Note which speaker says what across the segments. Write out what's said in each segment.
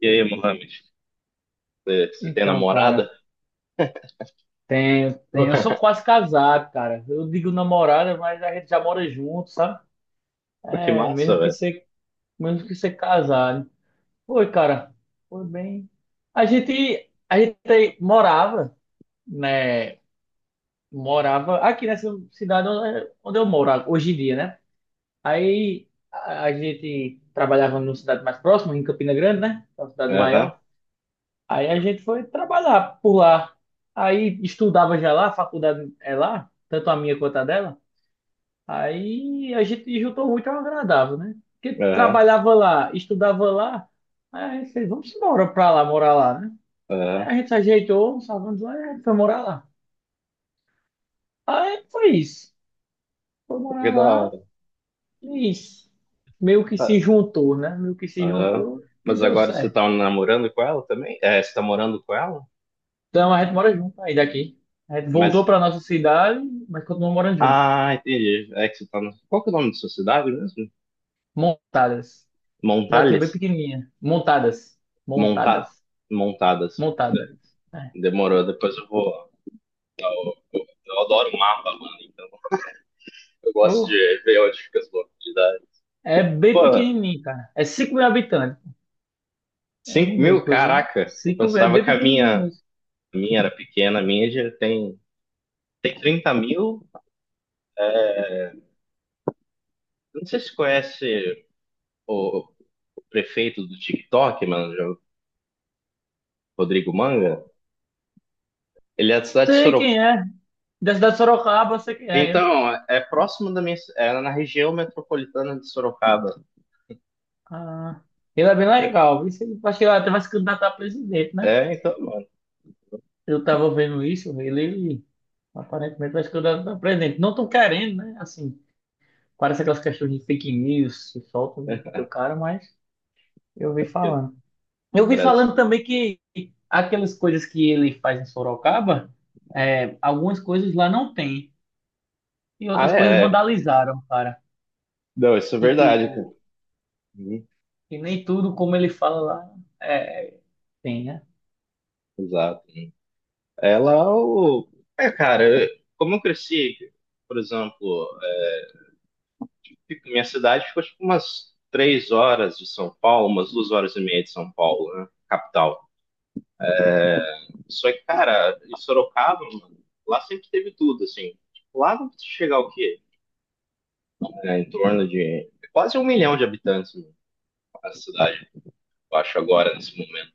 Speaker 1: E aí, Mohamed, você tem
Speaker 2: Então, cara,
Speaker 1: namorada?
Speaker 2: tenho, tenho. Eu sou quase casado, cara. Eu digo namorada, mas a gente já mora junto, sabe?
Speaker 1: Pô, que
Speaker 2: É,
Speaker 1: massa, velho.
Speaker 2: mesmo que ser casado. Foi, cara. Foi bem. A gente morava, né? Morava aqui nessa cidade onde eu moro hoje em dia, né? Aí a gente trabalhava numa cidade mais próxima, em Campina Grande, né? Uma cidade
Speaker 1: Aham,
Speaker 2: maior. Aí a gente foi trabalhar por lá. Aí estudava já lá, a faculdade é lá, tanto a minha quanto a dela. Aí a gente juntou muito ao agradável, né? Porque
Speaker 1: aham,
Speaker 2: trabalhava lá, estudava lá. Aí a gente fez, vamos embora pra lá, morar lá, né? Aí
Speaker 1: aham.
Speaker 2: a gente se ajeitou, salvamos lá e a gente foi morar lá. Aí foi isso. Foi
Speaker 1: Que
Speaker 2: morar
Speaker 1: da
Speaker 2: lá
Speaker 1: hora.
Speaker 2: e isso. Meio que
Speaker 1: Ah,
Speaker 2: se juntou, né? Meio que se
Speaker 1: aham.
Speaker 2: juntou e
Speaker 1: Mas
Speaker 2: deu
Speaker 1: agora você
Speaker 2: certo.
Speaker 1: tá namorando com ela também? É, você tá morando com ela?
Speaker 2: Então a gente mora junto aí daqui. A gente
Speaker 1: Mas.
Speaker 2: voltou pra nossa cidade, mas continuamos morando junto.
Speaker 1: Ah, entendi. É que você tá, qual que é o nome da sua cidade mesmo?
Speaker 2: Montadas. Cidadinha bem
Speaker 1: Montales.
Speaker 2: pequenininha. Montadas.
Speaker 1: Monta...
Speaker 2: Montadas.
Speaker 1: Montadas.
Speaker 2: Montadas. É,
Speaker 1: Demorou, depois eu vou. Eu adoro mapa, mano, então eu gosto
Speaker 2: oh,
Speaker 1: de ver onde fica as localidades.
Speaker 2: é
Speaker 1: Pô,
Speaker 2: bem pequenininho, cara. É 5 mil habitantes. É
Speaker 1: cinco mil?
Speaker 2: minúsculo, viu?
Speaker 1: Caraca! Eu
Speaker 2: 5 mil, é
Speaker 1: pensava
Speaker 2: bem
Speaker 1: que a
Speaker 2: pequenininho
Speaker 1: minha,
Speaker 2: mesmo.
Speaker 1: a minha era pequena, a minha já tem. Trinta mil. Não sei se você conhece o, o prefeito do TikTok, mano, o Rodrigo Manga. Ele é da cidade de
Speaker 2: Sei
Speaker 1: Sorocaba.
Speaker 2: quem é. Da cidade de Sorocaba, eu sei quem é ele.
Speaker 1: Então, é próximo da minha, é na região metropolitana de Sorocaba.
Speaker 2: Ah, ele é bem legal. Isso aí, acho que ele até vai se candidatar a presidente, né?
Speaker 1: É, então, mano,
Speaker 2: Eu tava vendo isso, ele aparentemente vai se candidatar a presidente. Não tão querendo, né? Assim, parece aquelas questões de fake news que soltam do cara, mas eu vi
Speaker 1: que é
Speaker 2: falando. Eu
Speaker 1: do
Speaker 2: vi
Speaker 1: Brasil.
Speaker 2: falando também que aquelas coisas que ele faz em Sorocaba, é, algumas coisas lá não tem. E
Speaker 1: Ah,
Speaker 2: outras coisas
Speaker 1: é, é.
Speaker 2: vandalizaram, cara.
Speaker 1: Não, isso é
Speaker 2: Que
Speaker 1: verdade,
Speaker 2: tipo,
Speaker 1: cara. Uhum,
Speaker 2: que nem tudo como ele fala lá é, tem, né?
Speaker 1: exato. Ela, é o. É, cara, como eu cresci, por exemplo, minha cidade ficou tipo umas três horas de São Paulo, umas duas horas e meia de São Paulo, né? Capital. Só que, cara, em Sorocaba, mano, lá sempre teve tudo, assim. Lá vai chegar o quê? É, em torno de quase um milhão de habitantes, mano, a cidade, eu acho, agora, nesse momento.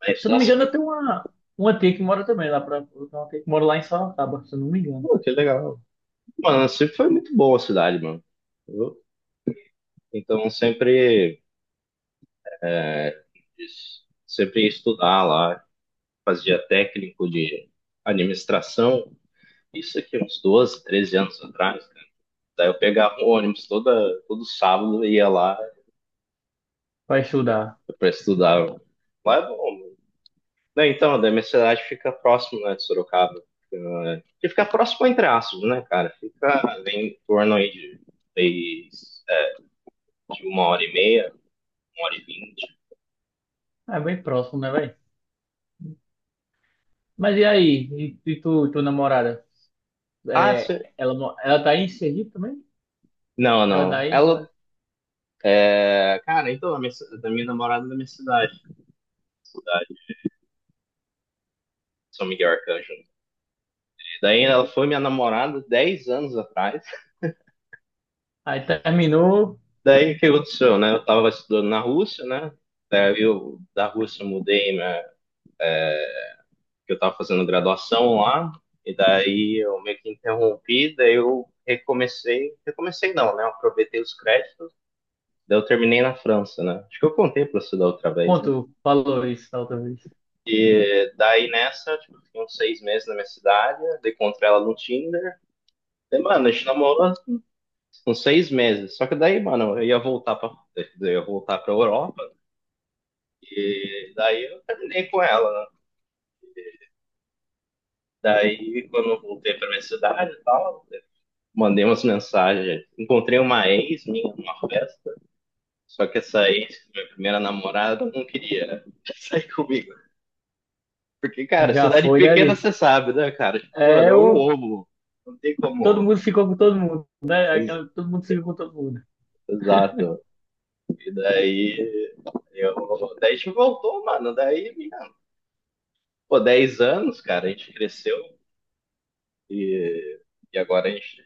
Speaker 1: Mas,
Speaker 2: Se eu não me
Speaker 1: nossa,
Speaker 2: engano, eu
Speaker 1: que,
Speaker 2: tenho uma tia que mora também lá pra, eu tenho uma tia que mora lá em Sorocaba, se eu não me engano.
Speaker 1: pô, que legal. Mano, sempre foi muito boa a cidade, mano. Eu- Então, sempre, é, como diz, sempre ia estudar lá, fazia técnico de administração, isso aqui uns 12 13 anos atrás, cara. Daí eu pegava o ônibus toda, todo sábado, ia lá,
Speaker 2: Vai estudar.
Speaker 1: para estudar. Lá é bom, né? Não, então, da minha cidade fica próximo, né, de Sorocaba. Fica, que fica próximo entre aspas, né, cara? Fica em torno aí de, três, é, de uma hora e meia, uma hora e vinte.
Speaker 2: Ah, é bem próximo, né, velho? Mas e aí? E tua namorada?
Speaker 1: Ah,
Speaker 2: É,
Speaker 1: cê...
Speaker 2: ela tá aí em Sergipe também?
Speaker 1: não,
Speaker 2: Ela
Speaker 1: não.
Speaker 2: daí, no
Speaker 1: Ela,
Speaker 2: caso?
Speaker 1: é, cara, então, a minha, da minha namorada da minha cidade, cidade São Miguel Arcanjo. Daí ela foi minha namorada 10 anos atrás.
Speaker 2: Aí terminou.
Speaker 1: Daí o que aconteceu, né? Eu tava estudando na Rússia, né? Daí eu, da Rússia, eu mudei minha, que eu estava fazendo graduação lá, e daí eu meio que interrompi, daí eu recomecei, recomecei não, né? Eu aproveitei os créditos, daí eu terminei na França, né? Acho que eu contei para você da outra vez, né?
Speaker 2: Conto falou isso da outra vez.
Speaker 1: E daí nessa, tipo, eu fiquei uns seis meses na minha cidade, daí encontrei ela no Tinder. E, mano, a gente namorou uns seis meses. Só que daí, mano, eu ia voltar pra Europa, daí eu terminei com ela, né? Daí, quando eu voltei pra minha cidade e tal, mandei umas mensagens. Encontrei uma ex minha numa festa, só que essa ex, minha primeira namorada, não queria sair comigo. Porque, cara,
Speaker 2: Já
Speaker 1: cidade
Speaker 2: foi, né?
Speaker 1: pequena você
Speaker 2: Liz?
Speaker 1: sabe, né, cara? Tipo, mano,
Speaker 2: É,
Speaker 1: é um
Speaker 2: eu,
Speaker 1: ovo. Não tem
Speaker 2: todo
Speaker 1: como.
Speaker 2: mundo ficou com todo mundo, né?
Speaker 1: Ex-
Speaker 2: Todo mundo ficou com todo mundo.
Speaker 1: Exato. E daí. Eu... Daí a gente voltou, mano. Daí, minha... pô, 10 anos, cara, a gente cresceu e, e agora a gente,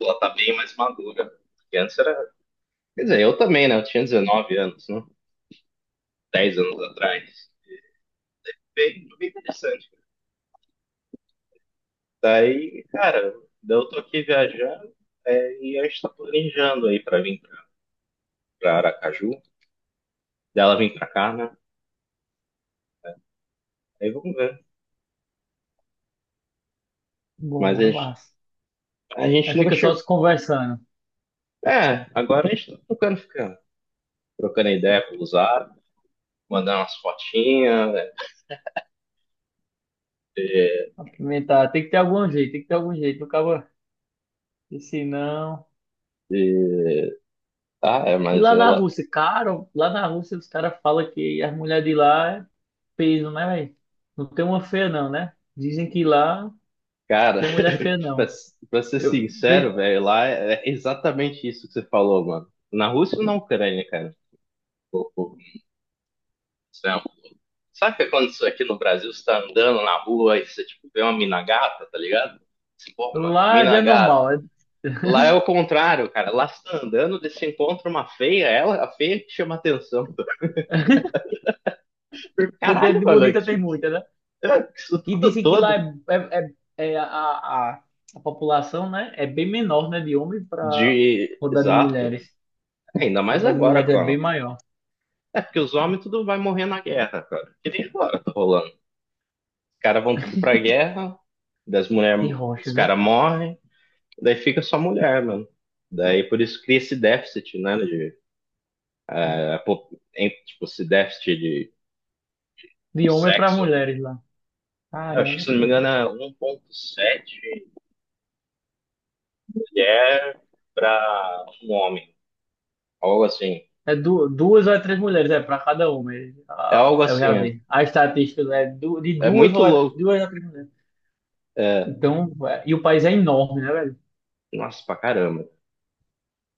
Speaker 1: ela tá bem mais madura. Porque antes era. Quer dizer, eu também, né? Eu tinha 19 anos, né? Dez anos atrás. Bem, bem interessante. Daí, cara, daí eu tô aqui viajando, é, e a gente tá planejando aí pra vir pra, Aracaju. Daí ela vem pra cá, né? Aí vamos ver. Mas
Speaker 2: Bom,
Speaker 1: a
Speaker 2: é
Speaker 1: gente,
Speaker 2: massa.
Speaker 1: a gente
Speaker 2: Aí
Speaker 1: nunca
Speaker 2: fica só
Speaker 1: chegou.
Speaker 2: se conversando.
Speaker 1: É, agora a gente tá trocando, ficando. Trocando ideia com o Zara, mandando umas fotinhas, né?
Speaker 2: Apimentar. Tem que ter algum jeito, tem que ter algum jeito. Não acaba, e se não.
Speaker 1: Ah, é,
Speaker 2: E
Speaker 1: mas
Speaker 2: lá na
Speaker 1: ela.
Speaker 2: Rússia, cara, lá na Rússia os caras falam que as mulheres de lá é peso, né, velho? Não tem uma feia, não, né? Dizem que lá não
Speaker 1: Cara,
Speaker 2: tem mulher feia,
Speaker 1: pra,
Speaker 2: não.
Speaker 1: pra ser
Speaker 2: Eu,
Speaker 1: sincero,
Speaker 2: vejo-
Speaker 1: velho, lá é exatamente isso que você falou, mano. Na Rússia ou na Ucrânia, cara? Pô, pô, isso é. Sabe o que aconteceu aqui no Brasil? Você tá andando na rua e você, tipo, vê uma mina gata, tá ligado? Você, pô, mano, que
Speaker 2: Lá
Speaker 1: mina
Speaker 2: já é
Speaker 1: gata.
Speaker 2: normal.
Speaker 1: Lá é o contrário, cara. Lá você tá andando, daí você encontra uma feia, ela, a feia que chama atenção.
Speaker 2: Porque
Speaker 1: Caralho,
Speaker 2: de
Speaker 1: mano,
Speaker 2: bonita tem
Speaker 1: aqui.
Speaker 2: muita, né?
Speaker 1: Isso
Speaker 2: E
Speaker 1: tudo
Speaker 2: dizem que lá
Speaker 1: todo
Speaker 2: é, é- é a população, né? É bem menor, né? De homens para
Speaker 1: de.
Speaker 2: quantidade de
Speaker 1: Exato.
Speaker 2: mulheres.
Speaker 1: Ainda
Speaker 2: A
Speaker 1: mais
Speaker 2: quantidade de
Speaker 1: agora,
Speaker 2: mulheres é bem
Speaker 1: cara.
Speaker 2: maior.
Speaker 1: É porque os homens tudo vai morrer na guerra, cara. Que nem agora tá rolando. Os caras vão tudo pra guerra, das
Speaker 2: De
Speaker 1: mulheres, os
Speaker 2: rocha, né?
Speaker 1: caras morrem, daí fica só mulher, mano. Daí por isso cria esse déficit, né, de é, em, tipo, esse déficit de,
Speaker 2: De
Speaker 1: de
Speaker 2: homem para
Speaker 1: sexo,
Speaker 2: mulheres lá.
Speaker 1: eu acho que,
Speaker 2: Caramba.
Speaker 1: se não me engano, é 1,7 mulher para um homem, algo assim.
Speaker 2: É du duas ou é três mulheres, é para cada homem.
Speaker 1: É
Speaker 2: Ah,
Speaker 1: algo
Speaker 2: eu já
Speaker 1: assim,
Speaker 2: vi. A estatística é du de
Speaker 1: é
Speaker 2: duas
Speaker 1: muito
Speaker 2: ou é,
Speaker 1: louco.
Speaker 2: duas a três mulheres.
Speaker 1: É,
Speaker 2: Então, e o país é enorme, né, velho?
Speaker 1: nossa, pra caramba.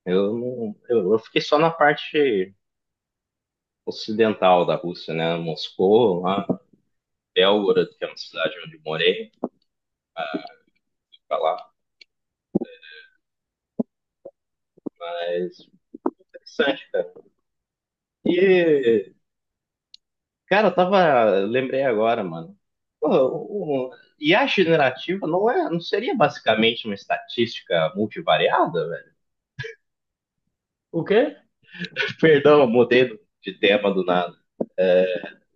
Speaker 1: Eu, eu fiquei só na parte ocidental da Rússia, né? Moscou, lá, Belgorod, que é uma cidade onde eu morei, pra lá. Mas interessante, cara. E, cara, eu tava. Lembrei agora, mano. Pô, IA generativa não é, não seria basicamente uma estatística multivariada, velho?
Speaker 2: O quê?
Speaker 1: Perdão, mudei de tema do nada. Vou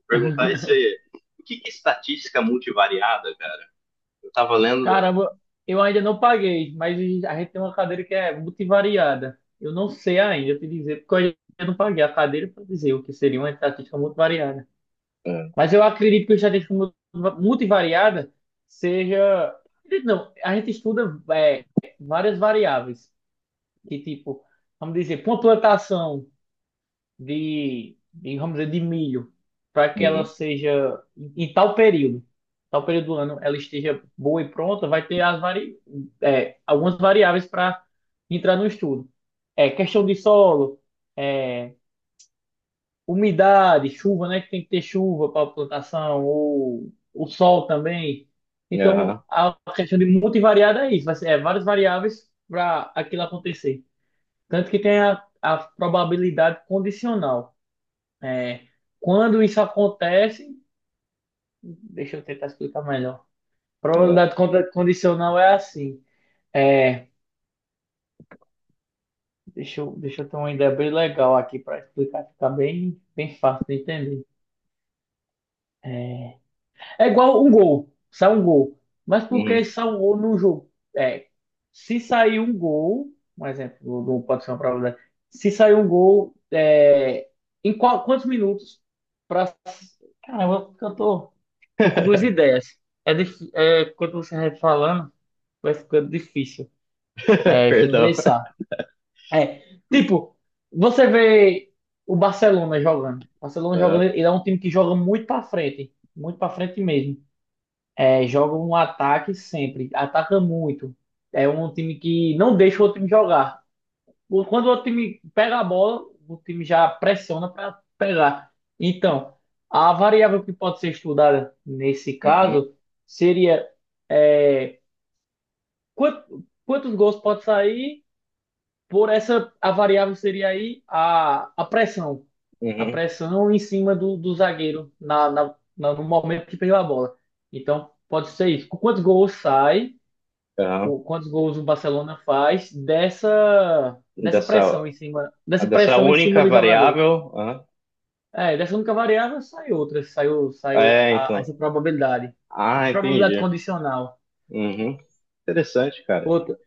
Speaker 1: perguntar isso aí. O que que é estatística multivariada, cara? Eu tava lendo.
Speaker 2: Caramba, eu ainda não paguei, mas a gente tem uma cadeira que é multivariada. Eu não sei ainda te dizer, porque eu ainda não paguei a cadeira para dizer o que seria uma estatística multivariada. Mas eu acredito que a estatística multivariada seja. Acredito. Não, a gente estuda é, várias variáveis, que tipo, vamos dizer, pontuação de, vamos dizer, de milho, para que ela
Speaker 1: Uhum,
Speaker 2: seja, em tal período do ano, ela esteja boa e pronta, vai ter algumas variáveis para entrar no estudo. É questão de solo, é, umidade, chuva, né? Que tem que ter chuva para a plantação, ou o sol também. Então,
Speaker 1: aham,
Speaker 2: a questão de multivariada é isso, vai ser é, várias variáveis para aquilo acontecer. Tanto que tem a probabilidade condicional. É, quando isso acontece, deixa eu tentar explicar melhor.
Speaker 1: aham,
Speaker 2: Probabilidade condicional é assim. É, deixa eu ter uma ideia bem legal aqui para explicar, ficar bem, bem fácil de entender. É, É igual um gol. Sai um gol. Mas por
Speaker 1: uhum.
Speaker 2: que sai um gol num jogo? Se sair um gol, um exemplo, não pode ser uma probabilidade. Se sair um gol, é, em quantos minutos? Para Caramba, porque eu tô com duas ideias. Quando você vai falando, vai ficando difícil. É, deixa eu
Speaker 1: Perdão.
Speaker 2: pensar. É, tipo, você vê o Barcelona jogando. O Barcelona
Speaker 1: Aham,
Speaker 2: jogando, ele é um time que joga muito pra frente. Muito pra frente mesmo. É, joga um ataque sempre, ataca muito. É um time que não deixa o outro time jogar. Quando o outro time pega a bola, o time já pressiona para pegar. Então, a variável que pode ser estudada nesse
Speaker 1: uhum,
Speaker 2: caso seria é, quant- quantos gols pode sair por essa a variável seria aí a pressão, a
Speaker 1: uhum,
Speaker 2: pressão, em cima do zagueiro no momento que pegou a bola. Então, pode ser isso. Quantos gols sai?
Speaker 1: aham.
Speaker 2: Quantos gols o Barcelona faz dessa
Speaker 1: Dessa, dessa
Speaker 2: pressão em cima
Speaker 1: única
Speaker 2: do jogador.
Speaker 1: variável. Aham.
Speaker 2: É, dessa única variável sai outra, saiu
Speaker 1: É, então.
Speaker 2: essa probabilidade,
Speaker 1: Ah, entendi.
Speaker 2: probabilidade condicional.
Speaker 1: Uhum. Interessante, cara.
Speaker 2: Outra,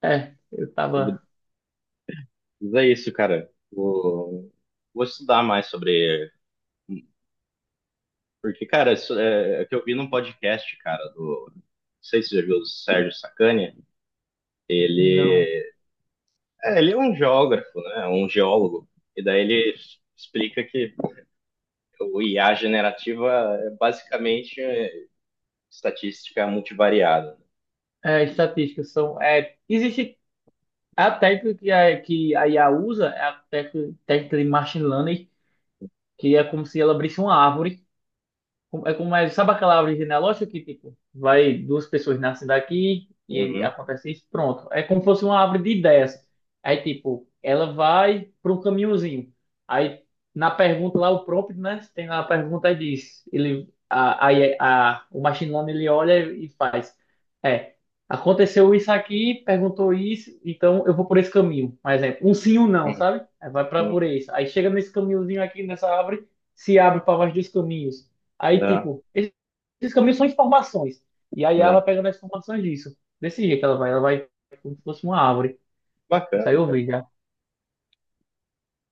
Speaker 2: é, eu
Speaker 1: Mas
Speaker 2: tava
Speaker 1: é isso, cara. Vou estudar mais sobre. Porque, cara, isso é que eu vi num podcast, cara, do. Não sei se você já viu o Sérgio Sacani.
Speaker 2: não,
Speaker 1: Ele ele é um geógrafo, né? Um geólogo. E daí ele explica que o IA generativa é basicamente estatística multivariada.
Speaker 2: é estatísticas são é existe a técnica que a IA usa é a técnica de machine learning que é como se ela abrisse uma árvore É como é, sabe aquela árvore genealógica que, tipo, vai duas pessoas nascem daqui e
Speaker 1: Uhum.
Speaker 2: acontece isso, pronto. É como se fosse uma árvore de ideias. Aí, tipo, ela vai para um caminhozinho. Aí, na pergunta lá, o prompt, né? Tem lá a pergunta e diz, ele, a, aí a, o machine learning, ele olha e faz. É, aconteceu isso aqui, perguntou isso, então eu vou por esse caminho. Um exemplo, um sim ou não, sabe? Aí vai para
Speaker 1: Uhum.
Speaker 2: por isso. Aí chega nesse caminhozinho aqui, nessa árvore, se abre para mais dois caminhos. Aí,
Speaker 1: É,
Speaker 2: tipo, esses caminhos são informações. E aí ela
Speaker 1: é.
Speaker 2: vai pegando as informações disso. Desse jeito ela vai, como se fosse uma árvore. Isso aí
Speaker 1: Bacana.
Speaker 2: eu vi já.